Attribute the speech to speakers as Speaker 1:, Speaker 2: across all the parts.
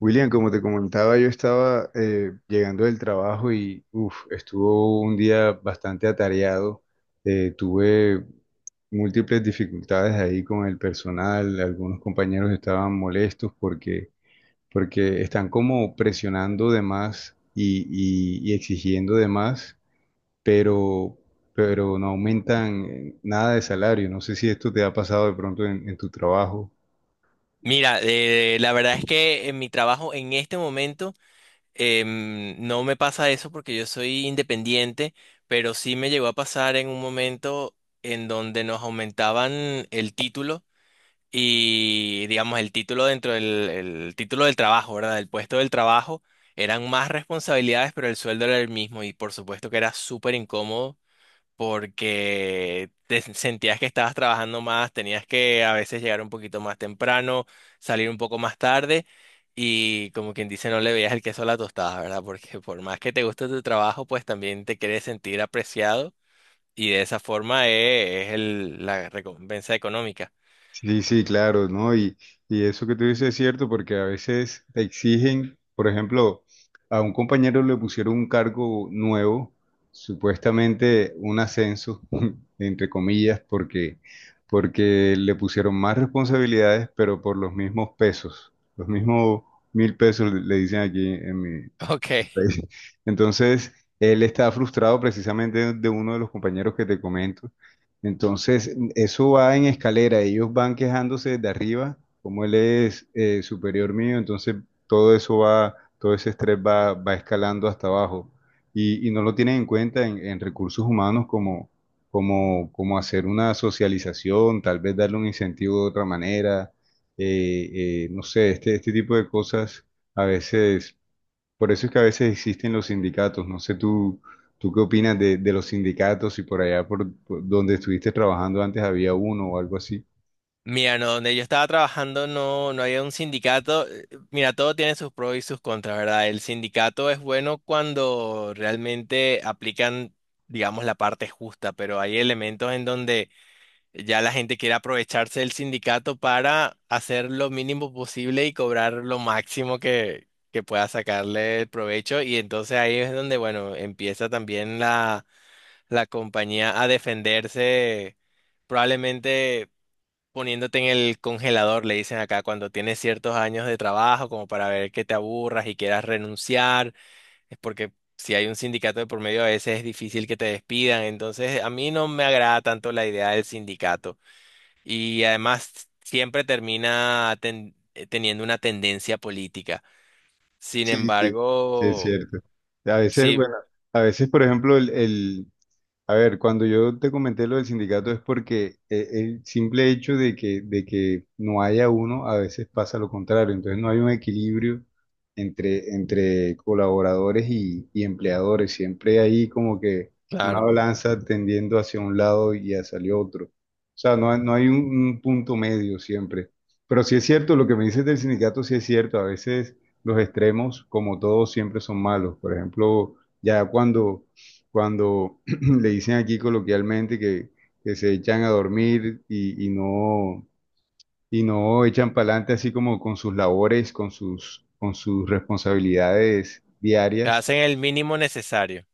Speaker 1: William, como te comentaba, yo estaba llegando del trabajo y uf, estuvo un día bastante atareado. Tuve múltiples dificultades ahí con el personal. Algunos compañeros estaban molestos porque están como presionando de más y exigiendo de más, pero, pero no aumentan nada de salario. No sé si esto te ha pasado de pronto en tu trabajo.
Speaker 2: Mira, la verdad es que en mi trabajo en este momento no me pasa eso porque yo soy independiente, pero sí me llegó a pasar en un momento en donde nos aumentaban el título y digamos el título dentro del el título del trabajo, ¿verdad? El puesto del trabajo eran más responsabilidades, pero el sueldo era el mismo y por supuesto que era súper incómodo porque te sentías que estabas trabajando más, tenías que a veces llegar un poquito más temprano, salir un poco más tarde y como quien dice no le veías el queso a la tostada, ¿verdad? Porque por más que te guste tu trabajo, pues también te quieres sentir apreciado y de esa forma la recompensa económica.
Speaker 1: Sí, sí, claro, ¿no? Y eso que tú dices es cierto porque a veces te exigen, por ejemplo, a un compañero le pusieron un cargo nuevo, supuestamente un ascenso, entre comillas, porque le pusieron más responsabilidades, pero por los mismos pesos, los mismos mil pesos le dicen aquí en mi,
Speaker 2: Ok.
Speaker 1: país. Entonces, él está frustrado precisamente de uno de los compañeros que te comento. Entonces, eso va en escalera. Ellos van quejándose de arriba, como él es superior mío, entonces todo eso va, todo ese estrés va, va escalando hasta abajo. Y no lo tienen en cuenta en recursos humanos como hacer una socialización, tal vez darle un incentivo de otra manera. No sé, este tipo de cosas a veces, por eso es que a veces existen los sindicatos. No sé, tú qué opinas de los sindicatos, y por allá por donde estuviste trabajando antes había uno o algo así.
Speaker 2: Mira, no, donde yo estaba trabajando no, no había un sindicato. Mira, todo tiene sus pros y sus contras, ¿verdad? El sindicato es bueno cuando realmente aplican, digamos, la parte justa, pero hay elementos en donde ya la gente quiere aprovecharse del sindicato para hacer lo mínimo posible y cobrar lo máximo que pueda sacarle el provecho. Y entonces ahí es donde, bueno, empieza también la compañía a defenderse probablemente poniéndote en el congelador, le dicen acá, cuando tienes ciertos años de trabajo, como para ver que te aburras y quieras renunciar, es porque si hay un sindicato de por medio a veces es difícil que te despidan, entonces a mí no me agrada tanto la idea del sindicato y además siempre termina teniendo una tendencia política. Sin
Speaker 1: Sí, sí, sí, es
Speaker 2: embargo,
Speaker 1: cierto. A veces,
Speaker 2: sí,
Speaker 1: bueno, a veces, por ejemplo, a ver, cuando yo te comenté lo del sindicato es porque el simple hecho de que no haya uno, a veces pasa lo contrario. Entonces no hay un equilibrio entre colaboradores y empleadores. Siempre hay como que una
Speaker 2: claro,
Speaker 1: balanza tendiendo hacia un lado y hacia el otro. O sea, no hay un punto medio siempre. Pero sí es cierto, lo que me dices del sindicato sí es cierto. A veces los extremos, como todos, siempre son malos. Por ejemplo, ya cuando, cuando le dicen aquí coloquialmente que se echan a dormir y y no echan para adelante así como con sus labores, con sus responsabilidades
Speaker 2: te
Speaker 1: diarias.
Speaker 2: hacen el mínimo necesario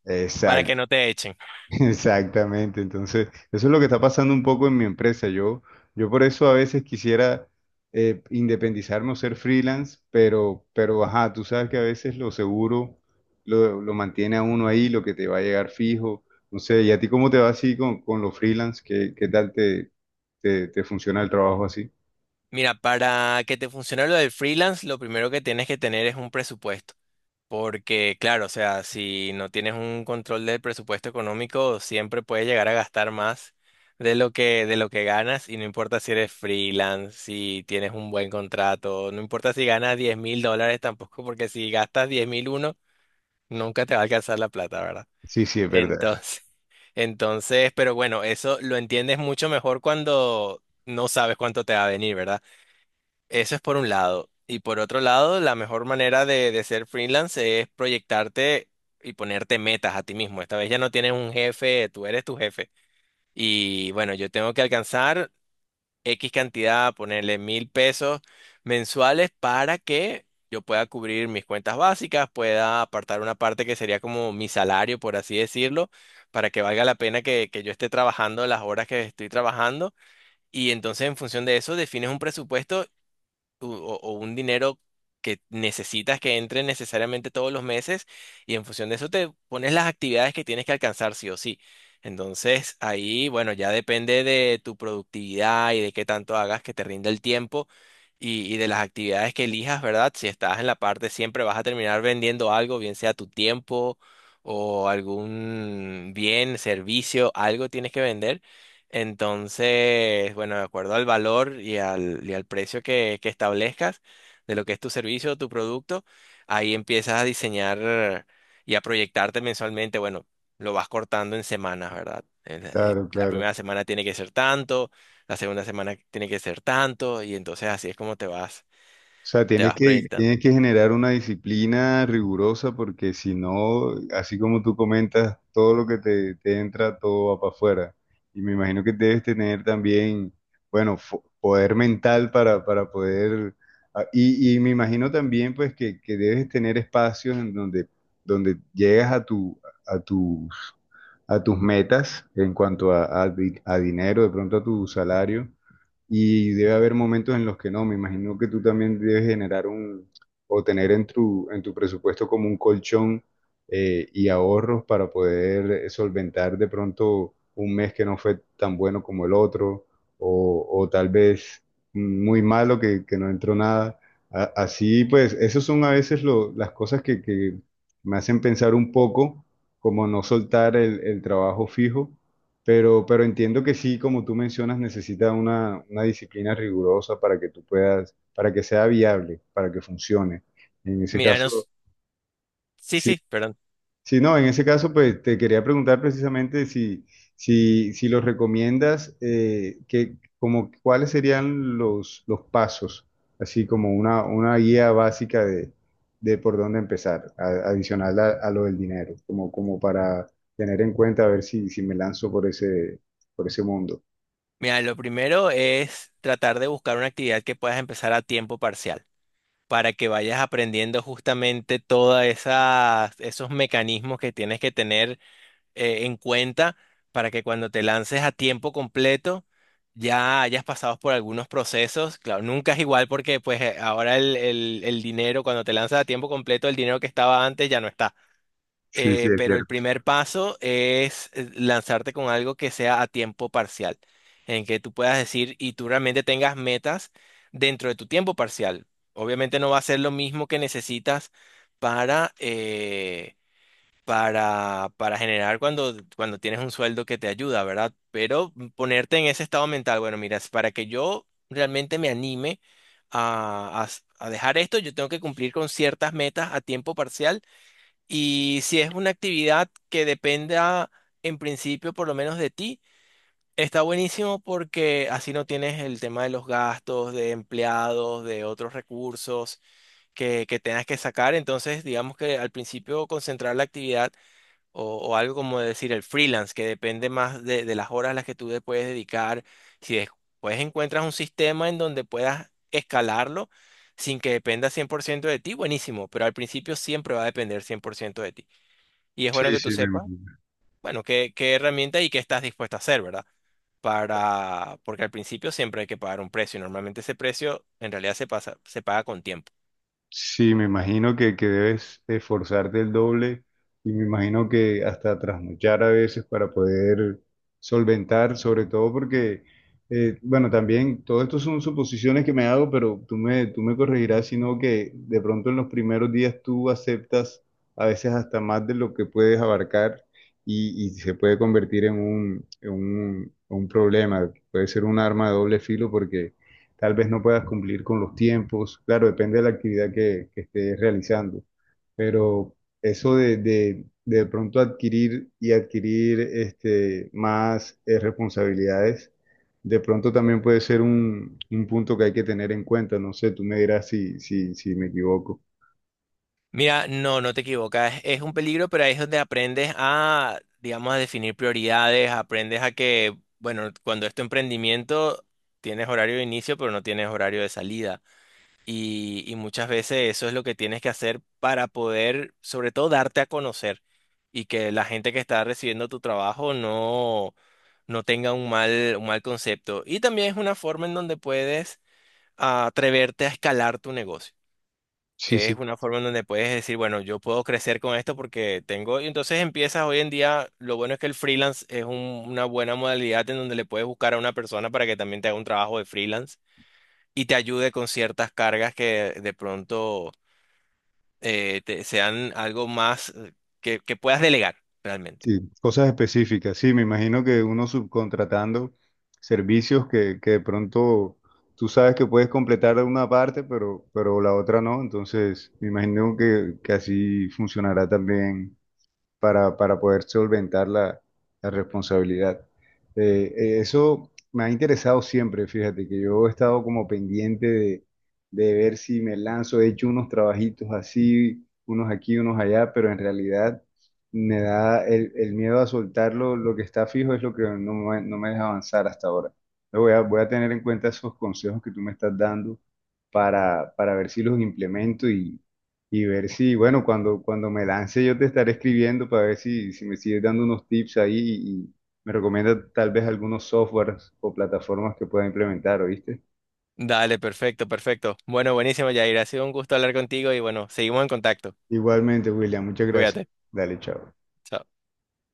Speaker 2: para que no te echen.
Speaker 1: Exactamente, entonces eso es lo que está pasando un poco en mi empresa. Yo por eso a veces quisiera independizarme o ser freelance, pero ajá, tú sabes que a veces lo seguro lo mantiene a uno ahí, lo que te va a llegar fijo. No sé, ¿y a ti cómo te va así con los freelance? ¿Qué, qué tal te funciona el trabajo así?
Speaker 2: Mira, para que te funcione lo del freelance, lo primero que tienes que tener es un presupuesto. Porque, claro, o sea, si no tienes un control del presupuesto económico, siempre puedes llegar a gastar más de de lo que ganas, y no importa si eres freelance, si tienes un buen contrato, no importa si ganas 10.000 dólares tampoco, porque si gastas 10.001, nunca te va a alcanzar la plata, ¿verdad?
Speaker 1: Sí, sí, es verdad.
Speaker 2: Entonces, entonces, pero bueno, eso lo entiendes mucho mejor cuando no sabes cuánto te va a venir, ¿verdad? Eso es por un lado. Y por otro lado, la mejor manera de ser freelance es proyectarte y ponerte metas a ti mismo. Esta vez ya no tienes un jefe, tú eres tu jefe. Y bueno, yo tengo que alcanzar X cantidad, ponerle 1.000 pesos mensuales para que yo pueda cubrir mis cuentas básicas, pueda apartar una parte que sería como mi salario, por así decirlo, para que valga la pena que yo esté trabajando las horas que estoy trabajando. Y entonces en función de eso defines un presupuesto o un dinero que necesitas que entre necesariamente todos los meses y en función de eso te pones las actividades que tienes que alcanzar sí o sí. Entonces ahí, bueno, ya depende de tu productividad y de qué tanto hagas que te rinda el tiempo y de las actividades que elijas, ¿verdad? Si estás en la parte siempre vas a terminar vendiendo algo, bien sea tu tiempo o algún bien, servicio, algo tienes que vender. Entonces, bueno, de acuerdo al valor y al precio que establezcas de lo que es tu servicio o tu producto, ahí empiezas a diseñar y a proyectarte mensualmente. Bueno, lo vas cortando en semanas, ¿verdad? En La
Speaker 1: Claro,
Speaker 2: La
Speaker 1: claro.
Speaker 2: primera semana tiene que ser tanto, la segunda semana tiene que ser tanto, y entonces así es como
Speaker 1: O sea,
Speaker 2: te vas proyectando.
Speaker 1: tienes que generar una disciplina rigurosa porque si no, así como tú comentas, todo lo que te entra, todo va para afuera. Y me imagino que debes tener también, bueno, poder mental para poder... Ah, y me imagino también pues que debes tener espacios en donde, donde llegas a tu, a tus, a tus metas en cuanto a, a dinero, de pronto a tu salario y debe haber momentos en los que no. Me imagino que tú también debes generar un, o tener en tu presupuesto como un colchón y ahorros para poder solventar de pronto un mes que no fue tan bueno como el otro o tal vez muy malo que no entró nada. Así pues, esos son a veces las cosas que me hacen pensar un poco como no soltar el trabajo fijo, pero entiendo que sí, como tú mencionas, necesita una disciplina rigurosa para que tú puedas, para que sea viable, para que funcione. En ese
Speaker 2: Mira,
Speaker 1: caso,
Speaker 2: nos- sí,
Speaker 1: sí,
Speaker 2: sí, perdón.
Speaker 1: sí, no, en ese caso, pues te quería preguntar precisamente si, si los recomiendas, que, como, cuáles serían los pasos, así como una guía básica de por dónde empezar, adicional a lo del dinero, como para tener en cuenta a ver si, si me lanzo por ese mundo.
Speaker 2: Mira, lo primero es tratar de buscar una actividad que puedas empezar a tiempo parcial. Para que vayas aprendiendo justamente todos esos mecanismos que tienes que tener en cuenta para que cuando te lances a tiempo completo ya hayas pasado por algunos procesos. Claro, nunca es igual porque pues ahora el dinero, cuando te lanzas a tiempo completo, el dinero que estaba antes ya no está.
Speaker 1: Sí, sí, es
Speaker 2: Pero el
Speaker 1: cierto.
Speaker 2: primer paso es lanzarte con algo que sea a tiempo parcial, en que tú puedas decir y tú realmente tengas metas dentro de tu tiempo parcial. Obviamente no va a ser lo mismo que necesitas para, eh, para generar cuando tienes un sueldo que te ayuda, ¿verdad? Pero ponerte en ese estado mental, bueno, mira, es para que yo realmente me anime a, a a dejar esto, yo tengo que cumplir con ciertas metas a tiempo parcial y si es una actividad que dependa en principio por lo menos de ti, está buenísimo porque así no tienes el tema de los gastos, de empleados, de otros recursos que tengas que sacar. Entonces, digamos que al principio concentrar la actividad o algo como decir el freelance, que depende más de las horas a las que tú le puedes dedicar. Si después encuentras un sistema en donde puedas escalarlo sin que dependa 100% de ti, buenísimo, pero al principio siempre va a depender 100% de ti. Y es bueno
Speaker 1: Sí,
Speaker 2: que
Speaker 1: sí,
Speaker 2: tú
Speaker 1: me
Speaker 2: sepas,
Speaker 1: imagino.
Speaker 2: bueno, qué herramienta y qué estás dispuesto a hacer, ¿verdad? Porque al principio siempre hay que pagar un precio y normalmente ese precio en realidad se pasa, se paga con tiempo.
Speaker 1: Sí, me imagino que debes esforzarte el doble y me imagino que hasta trasnochar a veces para poder solventar, sobre todo porque, bueno, también todo esto son suposiciones que me hago, pero tú me corregirás, sino que de pronto en los primeros días tú aceptas a veces hasta más de lo que puedes abarcar y se puede convertir en un, un problema, puede ser un arma de doble filo porque tal vez no puedas cumplir con los tiempos, claro, depende de la actividad que estés realizando, pero eso de pronto adquirir y adquirir este, más responsabilidades, de pronto también puede ser un punto que hay que tener en cuenta, no sé, tú me dirás si, si me equivoco.
Speaker 2: Mira, no, no te equivocas, es un peligro, pero ahí es donde aprendes a, digamos, a definir prioridades, aprendes a que, bueno, cuando es tu emprendimiento, tienes horario de inicio, pero no tienes horario de salida. Y muchas veces eso es lo que tienes que hacer para poder, sobre todo, darte a conocer y que la gente que está recibiendo tu trabajo no, no tenga un mal concepto. Y también es una forma en donde puedes atreverte a escalar tu negocio.
Speaker 1: Sí,
Speaker 2: Es
Speaker 1: sí.
Speaker 2: una forma en donde puedes decir, bueno, yo puedo crecer con esto porque tengo... Y entonces empiezas hoy en día, lo bueno es que el freelance es una buena modalidad en donde le puedes buscar a una persona para que también te haga un trabajo de freelance y te ayude con ciertas cargas que de pronto sean algo más que puedas delegar realmente.
Speaker 1: Sí, cosas específicas. Sí, me imagino que uno subcontratando servicios que de pronto tú sabes que puedes completar una parte, pero la otra no. Entonces, me imagino que así funcionará también para poder solventar la, la responsabilidad. Eso me ha interesado siempre, fíjate, que yo he estado como pendiente de ver si me lanzo, he hecho unos trabajitos así, unos aquí, unos allá, pero en realidad me da el miedo a soltarlo, lo que está fijo es lo que no me deja avanzar hasta ahora. Lo Voy a, voy a tener en cuenta esos consejos que tú me estás dando para ver si los implemento y ver si, bueno, cuando, cuando me lance yo te estaré escribiendo para ver si, si me sigues dando unos tips ahí y me recomienda tal vez algunos softwares o plataformas que pueda implementar, ¿oíste?
Speaker 2: Dale, perfecto, perfecto. Bueno, buenísimo, Yair. Ha sido un gusto hablar contigo y bueno, seguimos en contacto.
Speaker 1: Igualmente, William, muchas gracias.
Speaker 2: Cuídate.
Speaker 1: Dale, chao.
Speaker 2: Chao.